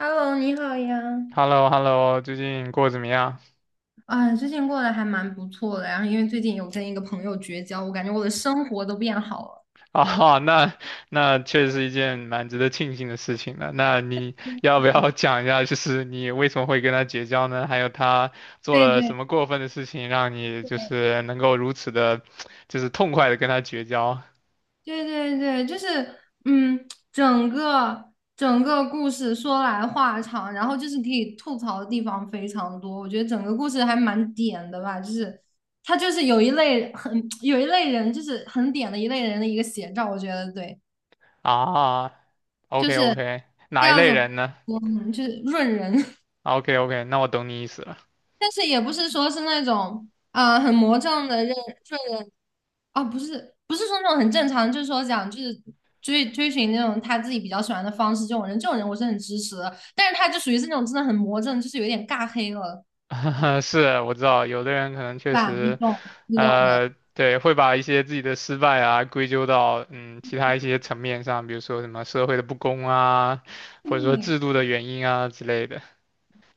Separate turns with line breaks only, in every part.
Hello，你好
h
呀。
e l l o h e l l o 最近过得怎么样？
啊，最近过得还蛮不错的，然后因为最近有跟一个朋友绝交，我感觉我的生活都变好了。
啊，那确实是一件蛮值得庆幸的事情的。那你要不要讲一下，就是你为什么会跟他绝交呢？还有他做
对
了什
对
么过分的事情，让你就
对
是能够如此的，就是痛快的跟他绝交
对对，对，就是嗯，整个故事说来话长，然后就是可以吐槽的地方非常多。我觉得整个故事还蛮点的吧，就是他就是有一类很 有一类人，就是很点的一类人的一个写照。我觉得对，
啊
就
？OK
是
OK，
第
哪一
二
类
种，
人呢
说呢？就是润人。
？OK OK，那我懂你意思了。
但是也不是说是那种很魔怔的认顺人啊，不是说那种很正常，就是说讲就是追寻那种他自己比较喜欢的方式，这种人我是很支持的，但是他就属于是那种真的很魔怔，就是有点尬黑了，
是，我知道有的人可能
对
确
吧？
实。
你懂的，
对，会把一些自己的失败啊归咎到其他一些层面上，比如说什么社会的不公啊，或者说
嗯，
制度的原因啊之类的，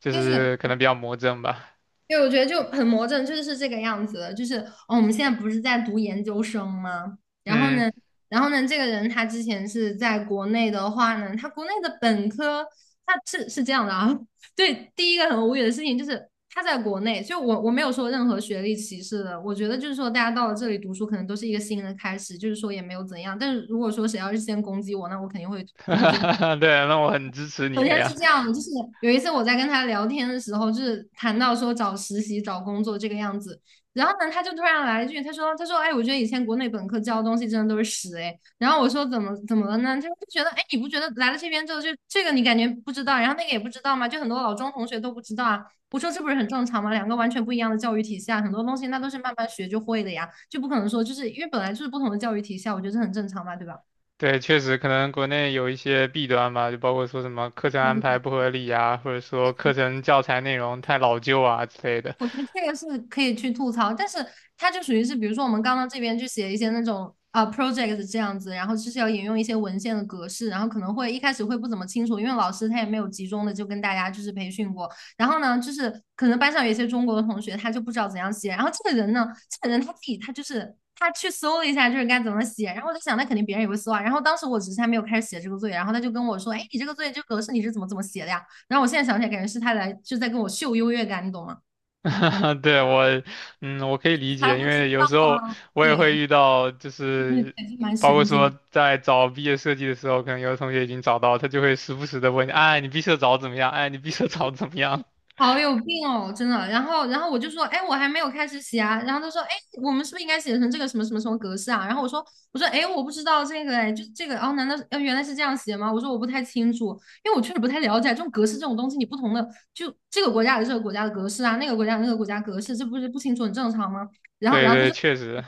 就
但是。
是可能比较魔怔吧。
对，我觉得就很魔怔，就是这个样子的。就是哦，我们现在不是在读研究生吗？然后
嗯，
呢，然后呢，这个人他之前是在国内的话呢，他国内的本科他是这样的啊。对，第一个很无语的事情就是他在国内，就我没有说任何学历歧视的，我觉得就是说大家到了这里读书，可能都是一个新的开始，就是说也没有怎样。但是如果说谁要是先攻击我，那我肯定会攻击。
对，那我很支持你
首
了
先是
呀。
这样的，就是有一次我在跟他聊天的时候，就是谈到说找实习、找工作这个样子，然后呢，他就突然来一句，他说："哎，我觉得以前国内本科教的东西真的都是屎，哎。"然后我说："怎么了呢？"他就觉得，哎，你不觉得来了这边之后，就这个你感觉不知道，然后那个也不知道吗？就很多老中同学都不知道啊。"我说："这不是很正常吗？两个完全不一样的教育体系啊，很多东西那都是慢慢学就会的呀，就不可能说就是因为本来就是不同的教育体系啊，我觉得这很正常嘛，对吧？"
对，确实可能国内有一些弊端吧，就包括说什么课程安排不合理啊，或者说课程教材内容太老旧啊之类的。
我觉得这个是可以去吐槽，但是它就属于是，比如说我们刚刚这边就写一些那种啊、project 这样子，然后就是要引用一些文献的格式，然后可能会一开始会不怎么清楚，因为老师他也没有集中的就跟大家就是培训过。然后呢，就是可能班上有一些中国的同学他就不知道怎样写，然后这个人呢，这个人他自己他就是他去搜了一下就是该怎么写，然后我就想那肯定别人也会搜啊。然后当时我只是还没有开始写这个作业，然后他就跟我说，哎，你这个作业这个格式你是怎么写的呀？然后我现在想起来，感觉是他来就在跟我秀优越感，你懂吗？
对，我，嗯，我可以理
还
解，因
不知
为有
道
时候
啊，
我也会
对，
遇到，就
对，
是
还是蛮
包括
神
说
经，
在找毕业设计的时候，可能有的同学已经找到，他就会时不时的问你，哎，你毕设找的怎么样？哎，你毕设找的怎么样？
好有病哦，真的。然后我就说，哎，我还没有开始写啊。然后他说，哎，我们是不是应该写成这个什么什么格式啊？然后我说，哎，我不知道这个，哎，就这个，哦，难道是原来是这样写吗？我说我不太清楚，因为我确实不太了解这种格式这种东西，你不同的就这个国家有这个国家的格式啊，那个国家有那个国家格式，这不是不清楚很正常吗？
对
然后他
对，
就。
确实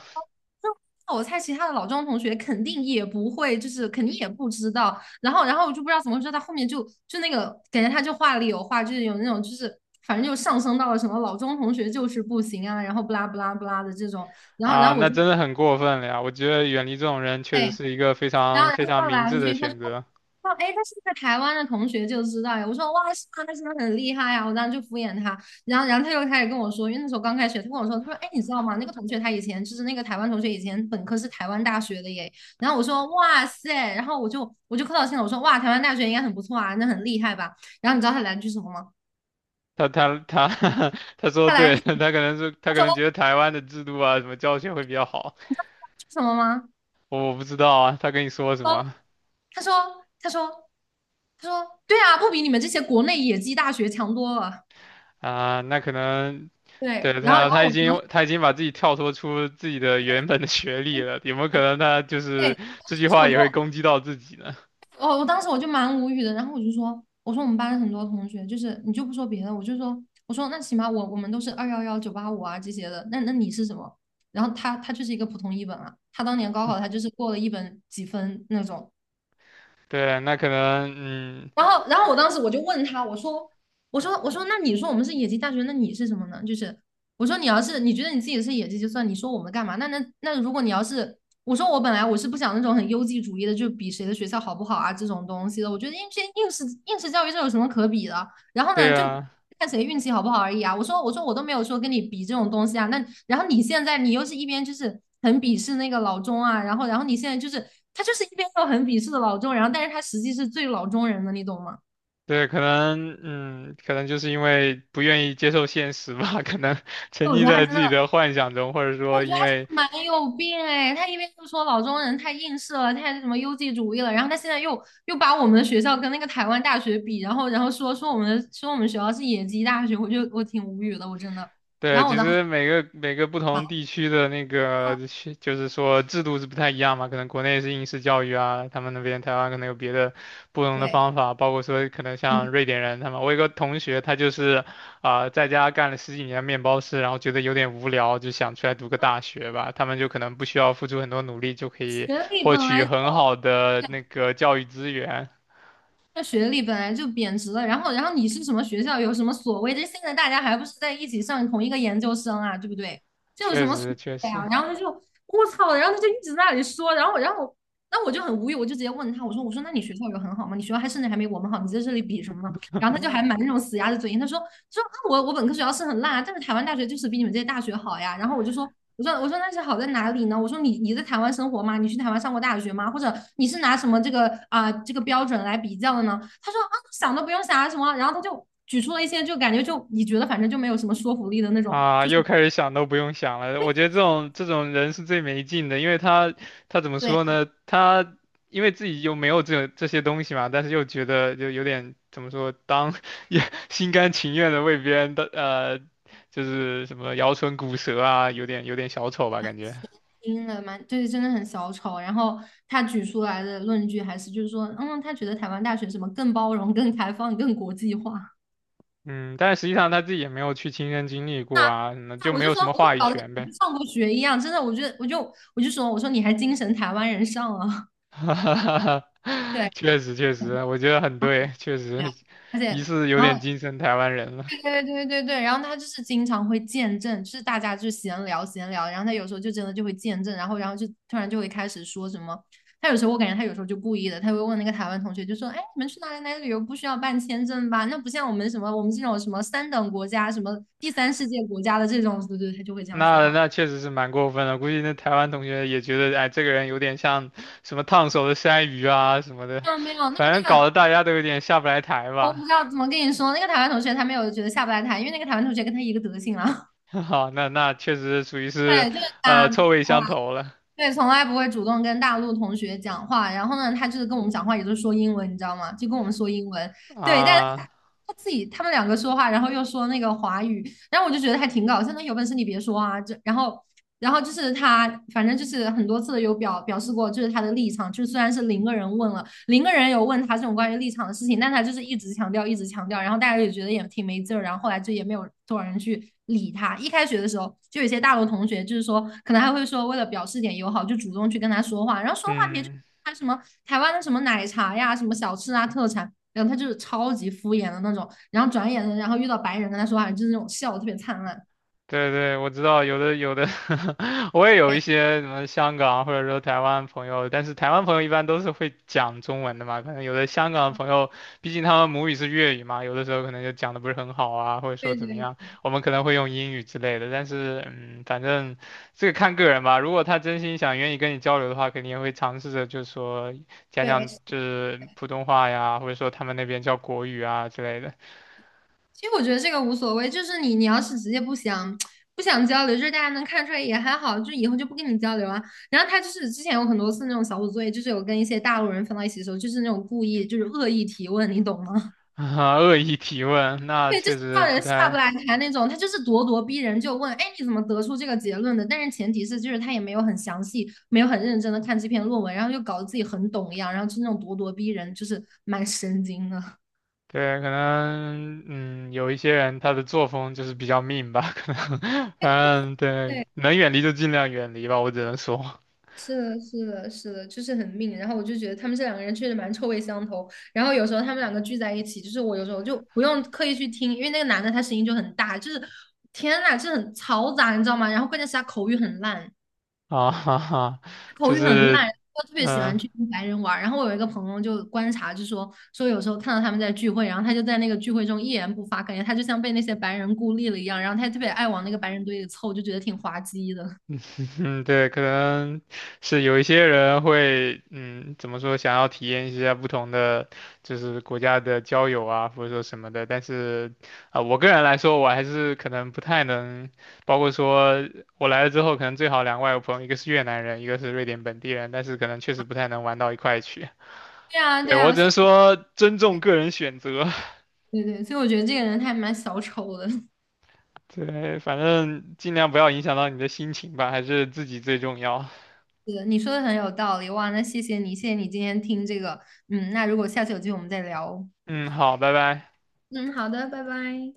就我猜，其他的老庄同学肯定也不会，就是肯定也不知道。然后我就不知道怎么回事，他后面就就那个感觉他就话里有话，就是有那种就是反正就上升到了什么老钟同学就是不行啊，然后不拉不拉不拉的这种，然后然
啊，
后我
那
就
真的很过分了呀！我觉得远离这种人确实
对
是一个非
然后
常
然
非
后
常
他
明
来了
智的
句，
选择。
他说，哎，诶他是在台湾的同学就知道呀。我说，哇，是吗？那真的很厉害呀！我当时就敷衍他，然后他又开始跟我说，因为那时候刚开学，他跟我说，他说，哎，你知道吗？那个同学他以前就是那个台湾同学，以前本科是台湾大学的耶。然后我说，哇塞，然后我就客套性了，我说，哇，台湾大学应该很不错啊，那很厉害吧？然后你知道他来了句什么吗？
他 他说
他来
得对，
了 句
他可能是他可
他
能觉
说
得台湾的制度啊，什么教学会比较好，
什么吗？
我不知道啊，他跟你说什
说
么？
他说他说他说，对啊，不比你们这些国内野鸡大学强多了。
啊，那可能
对，
对
然后然
他，
后我说。
他已经把自己跳脱出自己的原本的学历了，有没有可能他就是
对，
这句
当时
话
我就，
也会攻击到自己呢？
当时我就蛮无语的，然后我就说，我说我们班很多同学，就是你就不说别的，我说那起码我们都是211、985啊这些的，那你是什么？然后他就是一个普通一本啊，他当年高考他就是过了一本几分那种，
对啊，那可能，嗯，
然后我当时我就问他，我说，那你说我们是野鸡大学，那你是什么呢？就是我说你要是你觉得你自己是野鸡就算，你说我们干嘛？那如果你要是我说我本来我是不想那种很优绩主义的，就比谁的学校好不好啊这种东西的，我觉得应试教育这有什么可比的？然后呢，
对
就
啊，
看谁运气好不好而已啊。我说我都没有说跟你比这种东西啊。那然后你现在你又是一边就是很鄙视那个老钟啊，然后你现在就是他就是一边又很鄙视的老钟，然后但是他实际是最老中人的，你懂吗？
对，可能，嗯，可能就是因为不愿意接受现实吧，可能 沉
所以我
溺
觉得他
在自
真的，
己的幻想中，或者
我
说
觉得
因
他真
为
的蛮有病哎。他一边就说老中人太映射了，太什么优绩主义了，然后他现在又把我们的学校跟那个台湾大学比，然后说我们的说我们学校是野鸡大学，我挺无语的，我真的。然
对，
后我
其
当时
实每个不同地区的那个
想，
是就是说制度是不太一样嘛，可能国内是应试教育啊，他们那边台湾可能有别的不同的
对。
方法，包括说可能像瑞典人他们，我有个同学他就是在家干了十几年面包师，然后觉得有点无聊，就想出来读个大学吧，他们就可能不需要付出很多努力就可以
学历
获
本
取
来
很好的那个教育资源，
那学历本来就贬值了，然后你是什么学校，有什么所谓？这现在大家还不是在一起上同一个研究生啊，对不对？这有什
确
么所
实确
谓
实。
啊？然后他就我操，然后他就一直在那里说，然后那我就很无语，我就直接问他，我说那你学校有很好吗？你学校还甚至还没我们好，你在这里比什么呢？然后他就还蛮那种死鸭子嘴硬，他说我本科学校是很烂啊，但是台湾大学就是比你们这些大学好呀。然后我就说我说那是好在哪里呢？我说你你在台湾生活吗？你去台湾上过大学吗？或者你是拿什么这个这个标准来比较的呢？他说啊想都不用想啊什么，然后他就举出了一些就感觉就你觉得反正就没有什么说服力的那种，
啊，
就是
又开始想都不用想了。我觉得这种人是最没劲的，因为他他怎么
对
说
啊，
呢？他因为自己又没有这些东西嘛，但是又觉得就有点怎么说，当 也心甘情愿的为别人的就是什么摇唇鼓舌啊，有点小丑吧感觉。
听了蛮就是真的很小丑。然后他举出来的论据还是就是说嗯他觉得台湾大学什么更包容、更开放、更国际化。
嗯，但是实际上他自己也没有去亲身经历
啊
过啊，那就
我
没
就
有
说，
什么
我说
话语
搞得跟
权呗。
没上过学一样，真的，我觉得，我就说，我说你还精神台湾人上了，
哈哈哈 哈
对，
确实确实，我觉得很对，确
对啊，
实
而
疑
且，
似有
然
点
后
精神台湾人了。
对对对，然后他就是经常会见证，就是大家就闲聊闲聊，然后他有时候就真的就会见证，然后就突然就会开始说什么，他有时候我感觉他有时候就故意的，他会问那个台湾同学，就说，哎，你们去哪里哪里旅游不需要办签证吧？那不像我们什么我们这种什么三等国家、什么第三世界国家的这种，对对，他就会这样说话。
那确实是蛮过分的，估计那台湾同学也觉得，哎，这个人有点像什么烫手的山芋啊什么的，
没有没有，那个
反
那
正搞
个，
得大家都有点下不来台
我不
吧。
知道怎么跟你说，那个台湾同学他没有觉得下不来台，因为那个台湾同学跟他一个德行啊。
好，那确实属于 是，
对，就是
呃，
他，
臭味相投了
对，从来不会主动跟大陆同学讲话。然后呢，他就是跟我们讲话，也就是说英文，你知道吗？就跟我们说英文。对，但是
啊，
他自己他们两个说话，然后又说那个华语，然后我就觉得还挺搞笑。那有本事你别说啊！这然后然后就是他，反正就是很多次有表示过，就是他的立场，就是虽然是零个人问了，零个人有问他这种关于立场的事情，但他就是一直强调，一直强调，然后大家也觉得也挺没劲儿，然后后来就也没有多少人去理他。一开学的时候，就有些大陆同学就是说，可能还会说为了表示点友好，就主动去跟他说话，然后说话题就
嗯。
他什么台湾的什么奶茶呀、什么小吃啊、特产，然后他就是超级敷衍的那种，然后转眼的，然后遇到白人跟他说话，就是那种笑得特别灿烂。
对对，我知道有的我也有一些什么香港或者说台湾朋友，但是台湾朋友一般都是会讲中文的嘛，可能有的香港朋友，毕竟他们母语是粤语嘛，有的时候可能就讲的不是很好啊，或者说
对
怎
对
么样，
对
我们可能会用英语之类的，但是嗯，反正这个看个人吧，如果他真心想愿意跟你交流的话，肯定也会尝试着就是说讲
对，
讲
是
就是普通话呀，或者说他们那边叫国语啊之类的，
其实我觉得这个无所谓，就是你你要是直接不想不想交流，就是大家能看出来也还好，就以后就不跟你交流啊。然后他就是之前有很多次那种小组作业，就是有跟一些大陆人分到一起的时候，就是那种故意就是恶意提问，你懂吗？
啊，恶意提问，那
对，就
确
是
实
让
不
人下不
太。
来台那种，他就是咄咄逼人，就问，哎，你怎么得出这个结论的？但是前提是就是他也没有很详细，没有很认真的看这篇论文，然后就搞得自己很懂一样，然后就那种咄咄逼人，就是蛮神经的。
对，可能嗯，有一些人他的作风就是比较 mean 吧，可能，反 正对，
对
能远离就尽量远离吧，我只能说
是的，是的，是的，就是很命。然后我就觉得他们这两个人确实蛮臭味相投。然后有时候他们两个聚在一起，就是我有时候就不用刻意去听，因为那个男的他声音就很大，就是天呐，就很嘈杂，你知道吗？然后关键是他口语很烂，
啊，哈哈，就是
我特别喜
嗯、
欢
呃
去跟白人玩儿然后我有一个朋友就观察，就说有时候看到他们在聚会，然后他就在那个聚会中一言不发，感觉他就像被那些白人孤立了一样。然后他特别爱往那个白人堆里凑，就觉得挺滑稽的。
嗯，对，可能是有一些人会，嗯，怎么说，想要体验一下不同的，就是国家的交友啊，或者说什么的。但是，我个人来说，我还是可能不太能，包括说我来了之后，可能最好两个外国朋友，一个是越南人，一个是瑞典本地人，但是可能确实不太能玩到一块去。
对 啊，对
对，我
啊，
只
所
能
以
说尊重个人选择，
对对，所以我觉得这个人他还蛮小丑的。
对，反正尽量不要影响到你的心情吧，还是自己最重要。
是，你说的很有道理，哇，那谢谢你，谢谢你今天听这个，嗯，那如果下次有机会我们再聊哦
嗯，好，拜拜。
嗯，好的，拜拜。